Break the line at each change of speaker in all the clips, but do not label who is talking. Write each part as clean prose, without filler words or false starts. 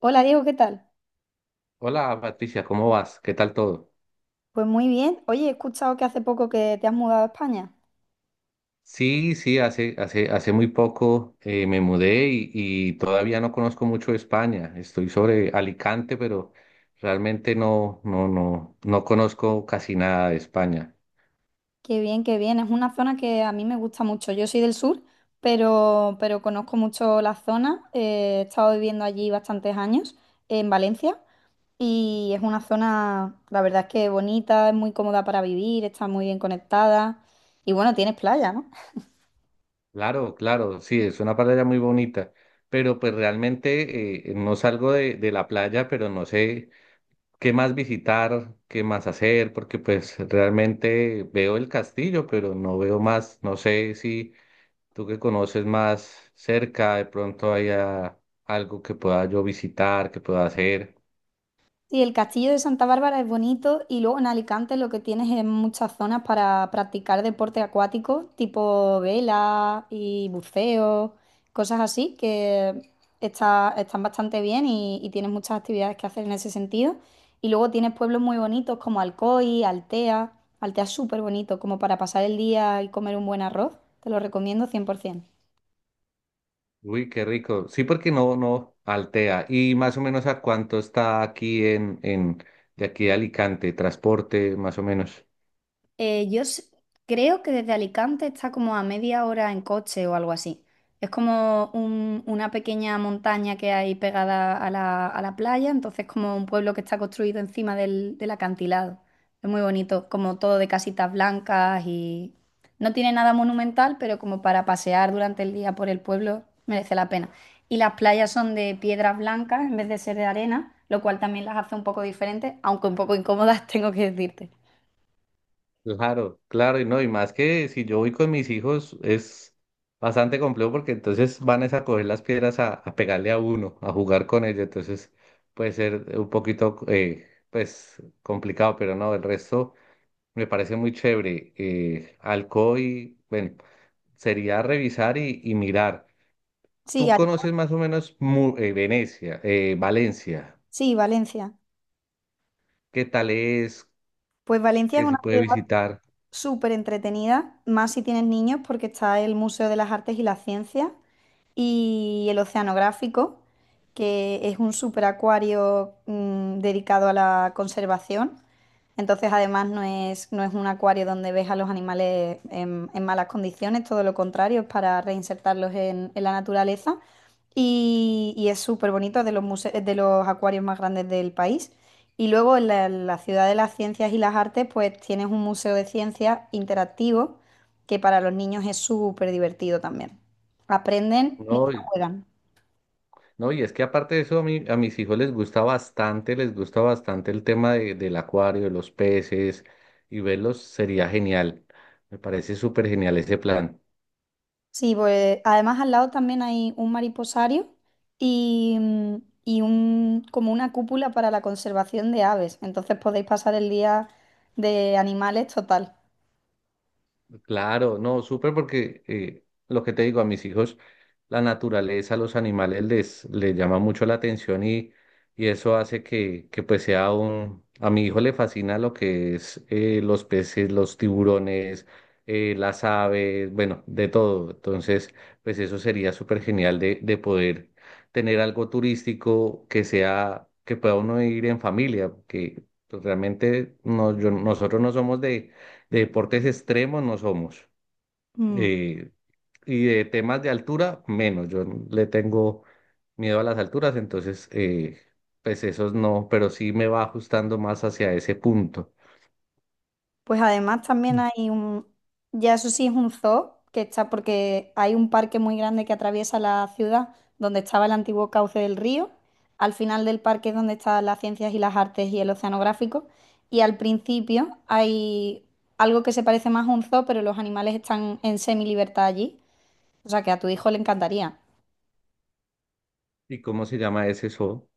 Hola Diego, ¿qué tal?
Hola Patricia, ¿cómo vas? ¿Qué tal todo?
Pues muy bien. Oye, he escuchado que hace poco que te has mudado a España.
Sí, sí, hace, hace muy poco me mudé y todavía no conozco mucho de España. Estoy sobre Alicante, pero realmente no conozco casi nada de España.
Qué bien, qué bien. Es una zona que a mí me gusta mucho. Yo soy del sur, pero conozco mucho la zona. He estado viviendo allí bastantes años, en Valencia, y es una zona, la verdad es que bonita, es muy cómoda para vivir, está muy bien conectada. Y bueno, tienes playa, ¿no?
Claro, claro, sí, es una playa muy bonita, pero pues realmente no salgo de la playa, pero no sé qué más visitar, qué más hacer, porque pues realmente veo el castillo, pero no veo más, no sé si... Tú que conoces más cerca, de pronto haya algo que pueda yo visitar, que pueda hacer.
Sí, el castillo de Santa Bárbara es bonito y luego en Alicante lo que tienes es muchas zonas para practicar deporte acuático, tipo vela y buceo, cosas así que están bastante bien y tienes muchas actividades que hacer en ese sentido. Y luego tienes pueblos muy bonitos como Alcoy, Altea. Altea es súper bonito como para pasar el día y comer un buen arroz. Te lo recomiendo 100%.
Uy, qué rico. Sí, porque no altea. ¿Y más o menos a cuánto está aquí en de aquí a Alicante, transporte, más o menos?
Eh, yo s- creo que desde Alicante está como a media hora en coche o algo así. Es como una pequeña montaña que hay pegada a la playa, entonces como un pueblo que está construido encima del acantilado. Es muy bonito, como todo de casitas blancas y no tiene nada monumental, pero como para pasear durante el día por el pueblo merece la pena. Y las playas son de piedras blancas en vez de ser de arena, lo cual también las hace un poco diferentes, aunque un poco incómodas, tengo que decirte.
Claro, claro, y no, y más que si yo voy con mis hijos es bastante complejo porque entonces van es a coger las piedras a pegarle a uno, a jugar con ellos, entonces puede ser un poquito, pues, complicado, pero no, el resto. Me parece muy chévere. Alcoy, bueno, sería revisar y mirar.
Sí,
Tú conoces más o menos Venecia, Valencia.
sí, Valencia.
¿Qué tal es?
Pues Valencia es
¿Qué
una
se puede
ciudad
visitar?
súper entretenida, más si tienes niños, porque está el Museo de las Artes y las Ciencias y el Oceanográfico, que es un superacuario acuario dedicado a la conservación. Entonces, además, no es un acuario donde ves a los animales en malas condiciones, todo lo contrario, es para reinsertarlos en la naturaleza. Y es súper bonito, es de los acuarios más grandes del país. Y luego en la Ciudad de las Ciencias y las Artes, pues tienes un museo de ciencias interactivo que para los niños es súper divertido también. Aprenden
No,
mientras
y,
juegan.
no, y es que aparte de eso, a mis hijos les gusta bastante del acuario, de los peces, y verlos sería genial. Me parece súper genial ese plan.
Sí, pues además al lado también hay un mariposario y, mm, y un, como una cúpula para la conservación de aves. Entonces podéis pasar el día de animales total.
Claro, no, súper porque lo que te digo a mis hijos, la naturaleza, los animales les llama mucho la atención y eso hace que pues sea un... A mi hijo le fascina lo que es los peces, los tiburones, las aves, bueno, de todo. Entonces, pues eso sería súper genial de poder tener algo turístico que sea, que pueda uno ir en familia, que pues, realmente no, nosotros no somos de deportes extremos no somos.
Mm.
eh, y de temas de altura, menos. Le tengo miedo a las alturas, entonces, pues esos no, pero sí me va ajustando más hacia ese punto.
Pues además también hay un, ya eso sí es un zoo que está porque hay un parque muy grande que atraviesa la ciudad donde estaba el antiguo cauce del río. Al final del parque es donde están las ciencias y las artes y el oceanográfico. Y al principio hay algo que se parece más a un zoo, pero los animales están en semi-libertad allí. O sea que a tu hijo le encantaría.
¿Y cómo se llama ese zoo?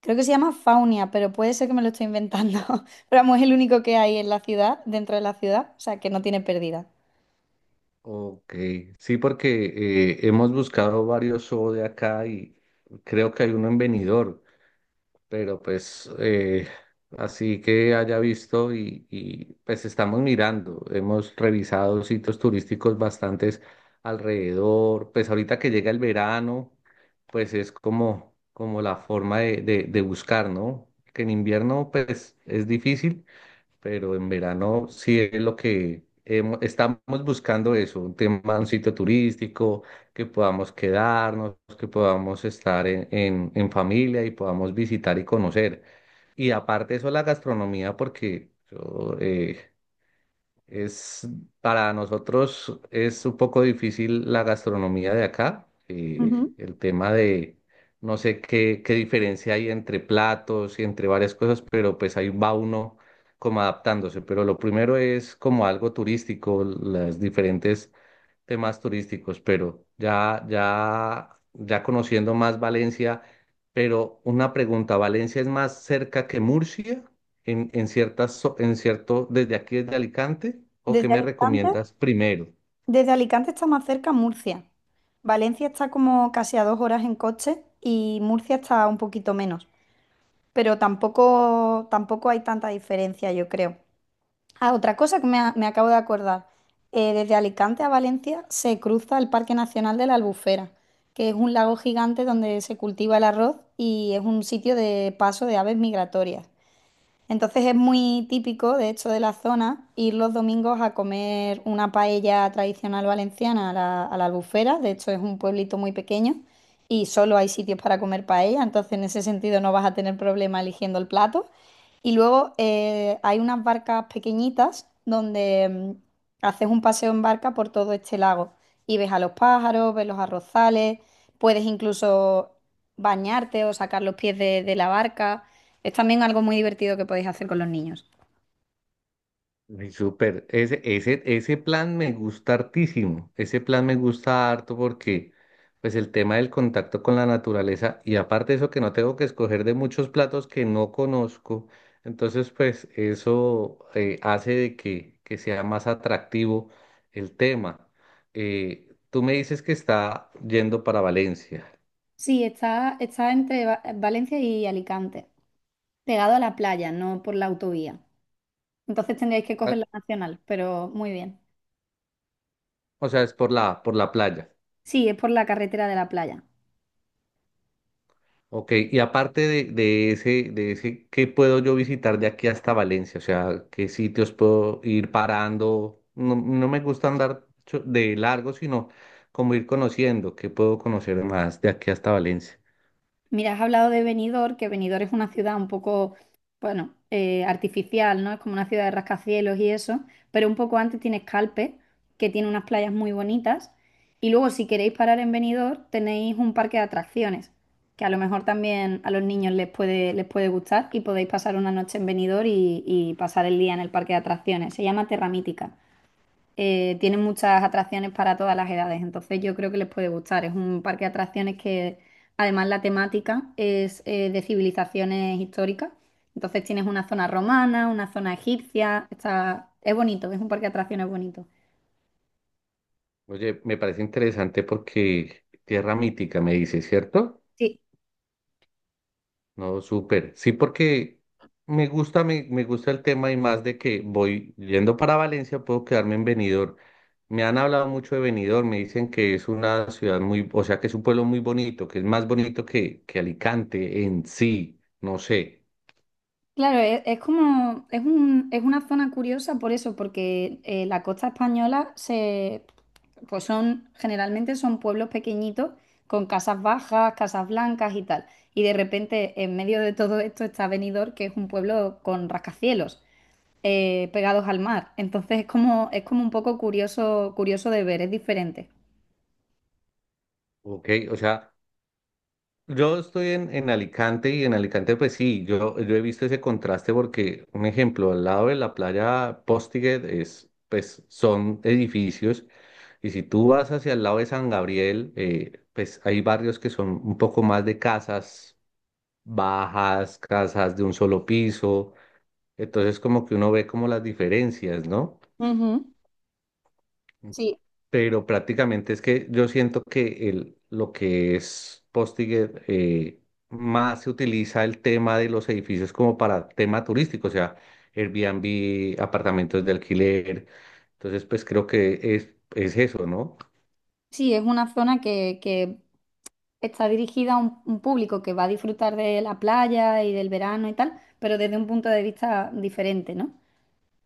Creo que se llama Faunia, pero puede ser que me lo estoy inventando. Pero vamos, es el único que hay en la ciudad, dentro de la ciudad, o sea que no tiene pérdida.
Ok, sí, porque hemos buscado varios zoos de acá y creo que hay uno en Benidorm. Pero pues así que haya visto y, pues estamos mirando, hemos revisado sitios turísticos bastantes alrededor, pues ahorita que llega el verano, pues es como, como la forma de buscar, ¿no? Que en invierno pues es difícil, pero en verano sí es lo que estamos buscando eso, un tema, un sitio turístico, que podamos quedarnos, que podamos estar en familia y podamos visitar y conocer. Y aparte de eso, la gastronomía, porque yo, es, para nosotros es un poco difícil la gastronomía de acá.
Ujú.
El tema de, no sé qué, qué diferencia hay entre platos y entre varias cosas, pero pues ahí va uno como adaptándose. Pero lo primero es como algo turístico, las diferentes temas turísticos, pero ya conociendo más Valencia, pero una pregunta, ¿Valencia es más cerca que Murcia en ciertas, en cierto, desde aquí desde Alicante? ¿O qué
Desde el
me
instante.
recomiendas primero?
Desde Alicante está más cerca Murcia. Valencia está como casi a dos horas en coche y Murcia está un poquito menos. Pero tampoco hay tanta diferencia, yo creo. Ah, otra cosa que me acabo de acordar. Desde Alicante a Valencia se cruza el Parque Nacional de la Albufera, que es un lago gigante donde se cultiva el arroz y es un sitio de paso de aves migratorias. Entonces es muy típico, de hecho, de la zona ir los domingos a comer una paella tradicional valenciana a la Albufera. De hecho, es un pueblito muy pequeño y solo hay sitios para comer paella, entonces en ese sentido no vas a tener problema eligiendo el plato. Y luego hay unas barcas pequeñitas donde haces un paseo en barca por todo este lago y ves a los pájaros, ves los arrozales, puedes incluso bañarte o sacar los pies de la barca. Es también algo muy divertido que podéis hacer con los niños.
Ay, súper, ese plan me gusta hartísimo, ese plan me gusta harto porque pues el tema del contacto con la naturaleza y aparte eso que no tengo que escoger de muchos platos que no conozco, entonces pues eso hace de que sea más atractivo el tema. Tú me dices que está yendo para Valencia,
Sí, está entre Valencia y Alicante, pegado a la playa, no por la autovía. Entonces tendríais que
ah,
coger la nacional, pero muy bien.
o sea, es por la playa.
Sí, es por la carretera de la playa.
Ok, y aparte de ese, ¿qué puedo yo visitar de aquí hasta Valencia? O sea, ¿qué sitios puedo ir parando? No, no me gusta andar de largo, sino como ir conociendo, ¿qué puedo conocer más de aquí hasta Valencia?
Mira, has hablado de Benidorm, que Benidorm es una ciudad un poco, bueno, artificial, ¿no? Es como una ciudad de rascacielos y eso, pero un poco antes tienes Calpe, que tiene unas playas muy bonitas, y luego si queréis parar en Benidorm tenéis un parque de atracciones, que a lo mejor también a los niños les puede gustar y podéis pasar una noche en Benidorm y pasar el día en el parque de atracciones. Se llama Terra Mítica. Tiene muchas atracciones para todas las edades, entonces yo creo que les puede gustar. Es un parque de atracciones que además la temática es de civilizaciones históricas, entonces tienes una zona romana, una zona egipcia, está es bonito, es un parque de atracciones bonito.
Oye, me parece interesante porque Tierra Mítica, me dice, ¿cierto?
Sí.
No, súper. Sí, porque me gusta, me gusta el tema y más de que voy yendo para Valencia, puedo quedarme en Benidorm. Me han hablado mucho de Benidorm, me dicen que es una ciudad muy, o sea, que es un pueblo muy bonito, que es más bonito que Alicante en sí, no sé,
Claro, es como, es un- es una zona curiosa por eso, porque la costa española se, pues son, generalmente son pueblos pequeñitos con casas bajas, casas blancas y tal. Y de repente, en medio de todo esto está Benidorm, que es un pueblo con rascacielos, pegados al mar. Entonces es como un poco curioso, curioso de ver, es diferente.
¿ok? O sea, yo estoy en Alicante y en Alicante pues sí, yo he visto ese contraste porque, un ejemplo, al lado de la playa Postiguet es, pues son edificios y si tú vas hacia el lado de San Gabriel, pues hay barrios que son un poco más de casas bajas, casas de un solo piso, entonces como que uno ve como las diferencias, ¿no?
Ujú. Sí,
Pero prácticamente es que yo siento que el, lo que es Postiger más se utiliza el tema de los edificios como para tema turístico, o sea, Airbnb, apartamentos de alquiler. Entonces, pues creo que es eso, ¿no?
sí, es una zona que, está dirigida a un público que va a disfrutar de la playa y del verano y tal, pero desde un punto de vista diferente, ¿no?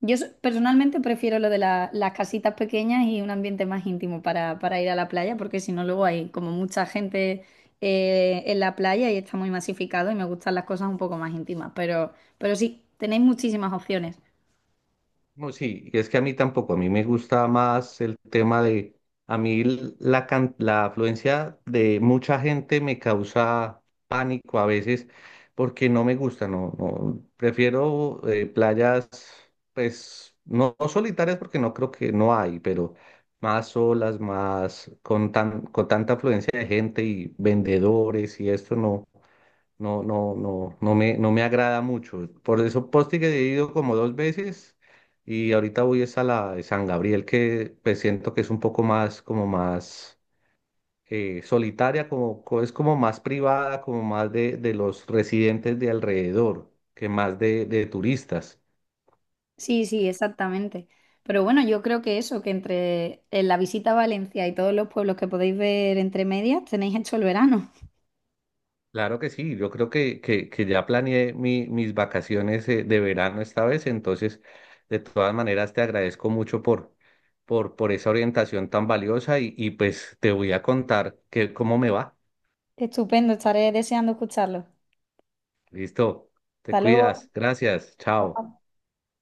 Personalmente prefiero lo de las casitas pequeñas y un ambiente más íntimo para ir a la playa, porque si no luego hay como mucha gente en la playa y está muy masificado y me gustan las cosas un poco más íntimas, pero sí, tenéis muchísimas opciones.
No, sí, y es que a mí tampoco, a mí me gusta más el tema de, a mí la afluencia de mucha gente me causa pánico a veces porque no me gusta, prefiero playas, pues, no, no solitarias porque no creo que no hay, pero más solas, más con tan, con tanta afluencia de gente y vendedores y esto no. No me, no me agrada mucho. Por eso Posti que he ido como dos veces y ahorita voy es a la de San Gabriel que pues siento que es un poco más, como más solitaria, es como más privada, como más de los residentes de alrededor que más de turistas.
Sí, sí, exactamente. Pero bueno, yo creo que eso, que entre la visita a Valencia y todos los pueblos que podéis ver entre medias, tenéis hecho el verano.
Claro que sí, yo creo que ya planeé mis vacaciones de verano esta vez, entonces de todas maneras te agradezco mucho por esa orientación tan valiosa y pues te voy a contar que, cómo me va.
Estupendo, estaré deseando escucharlo.
Listo, te
Hasta luego.
cuidas, gracias, chao.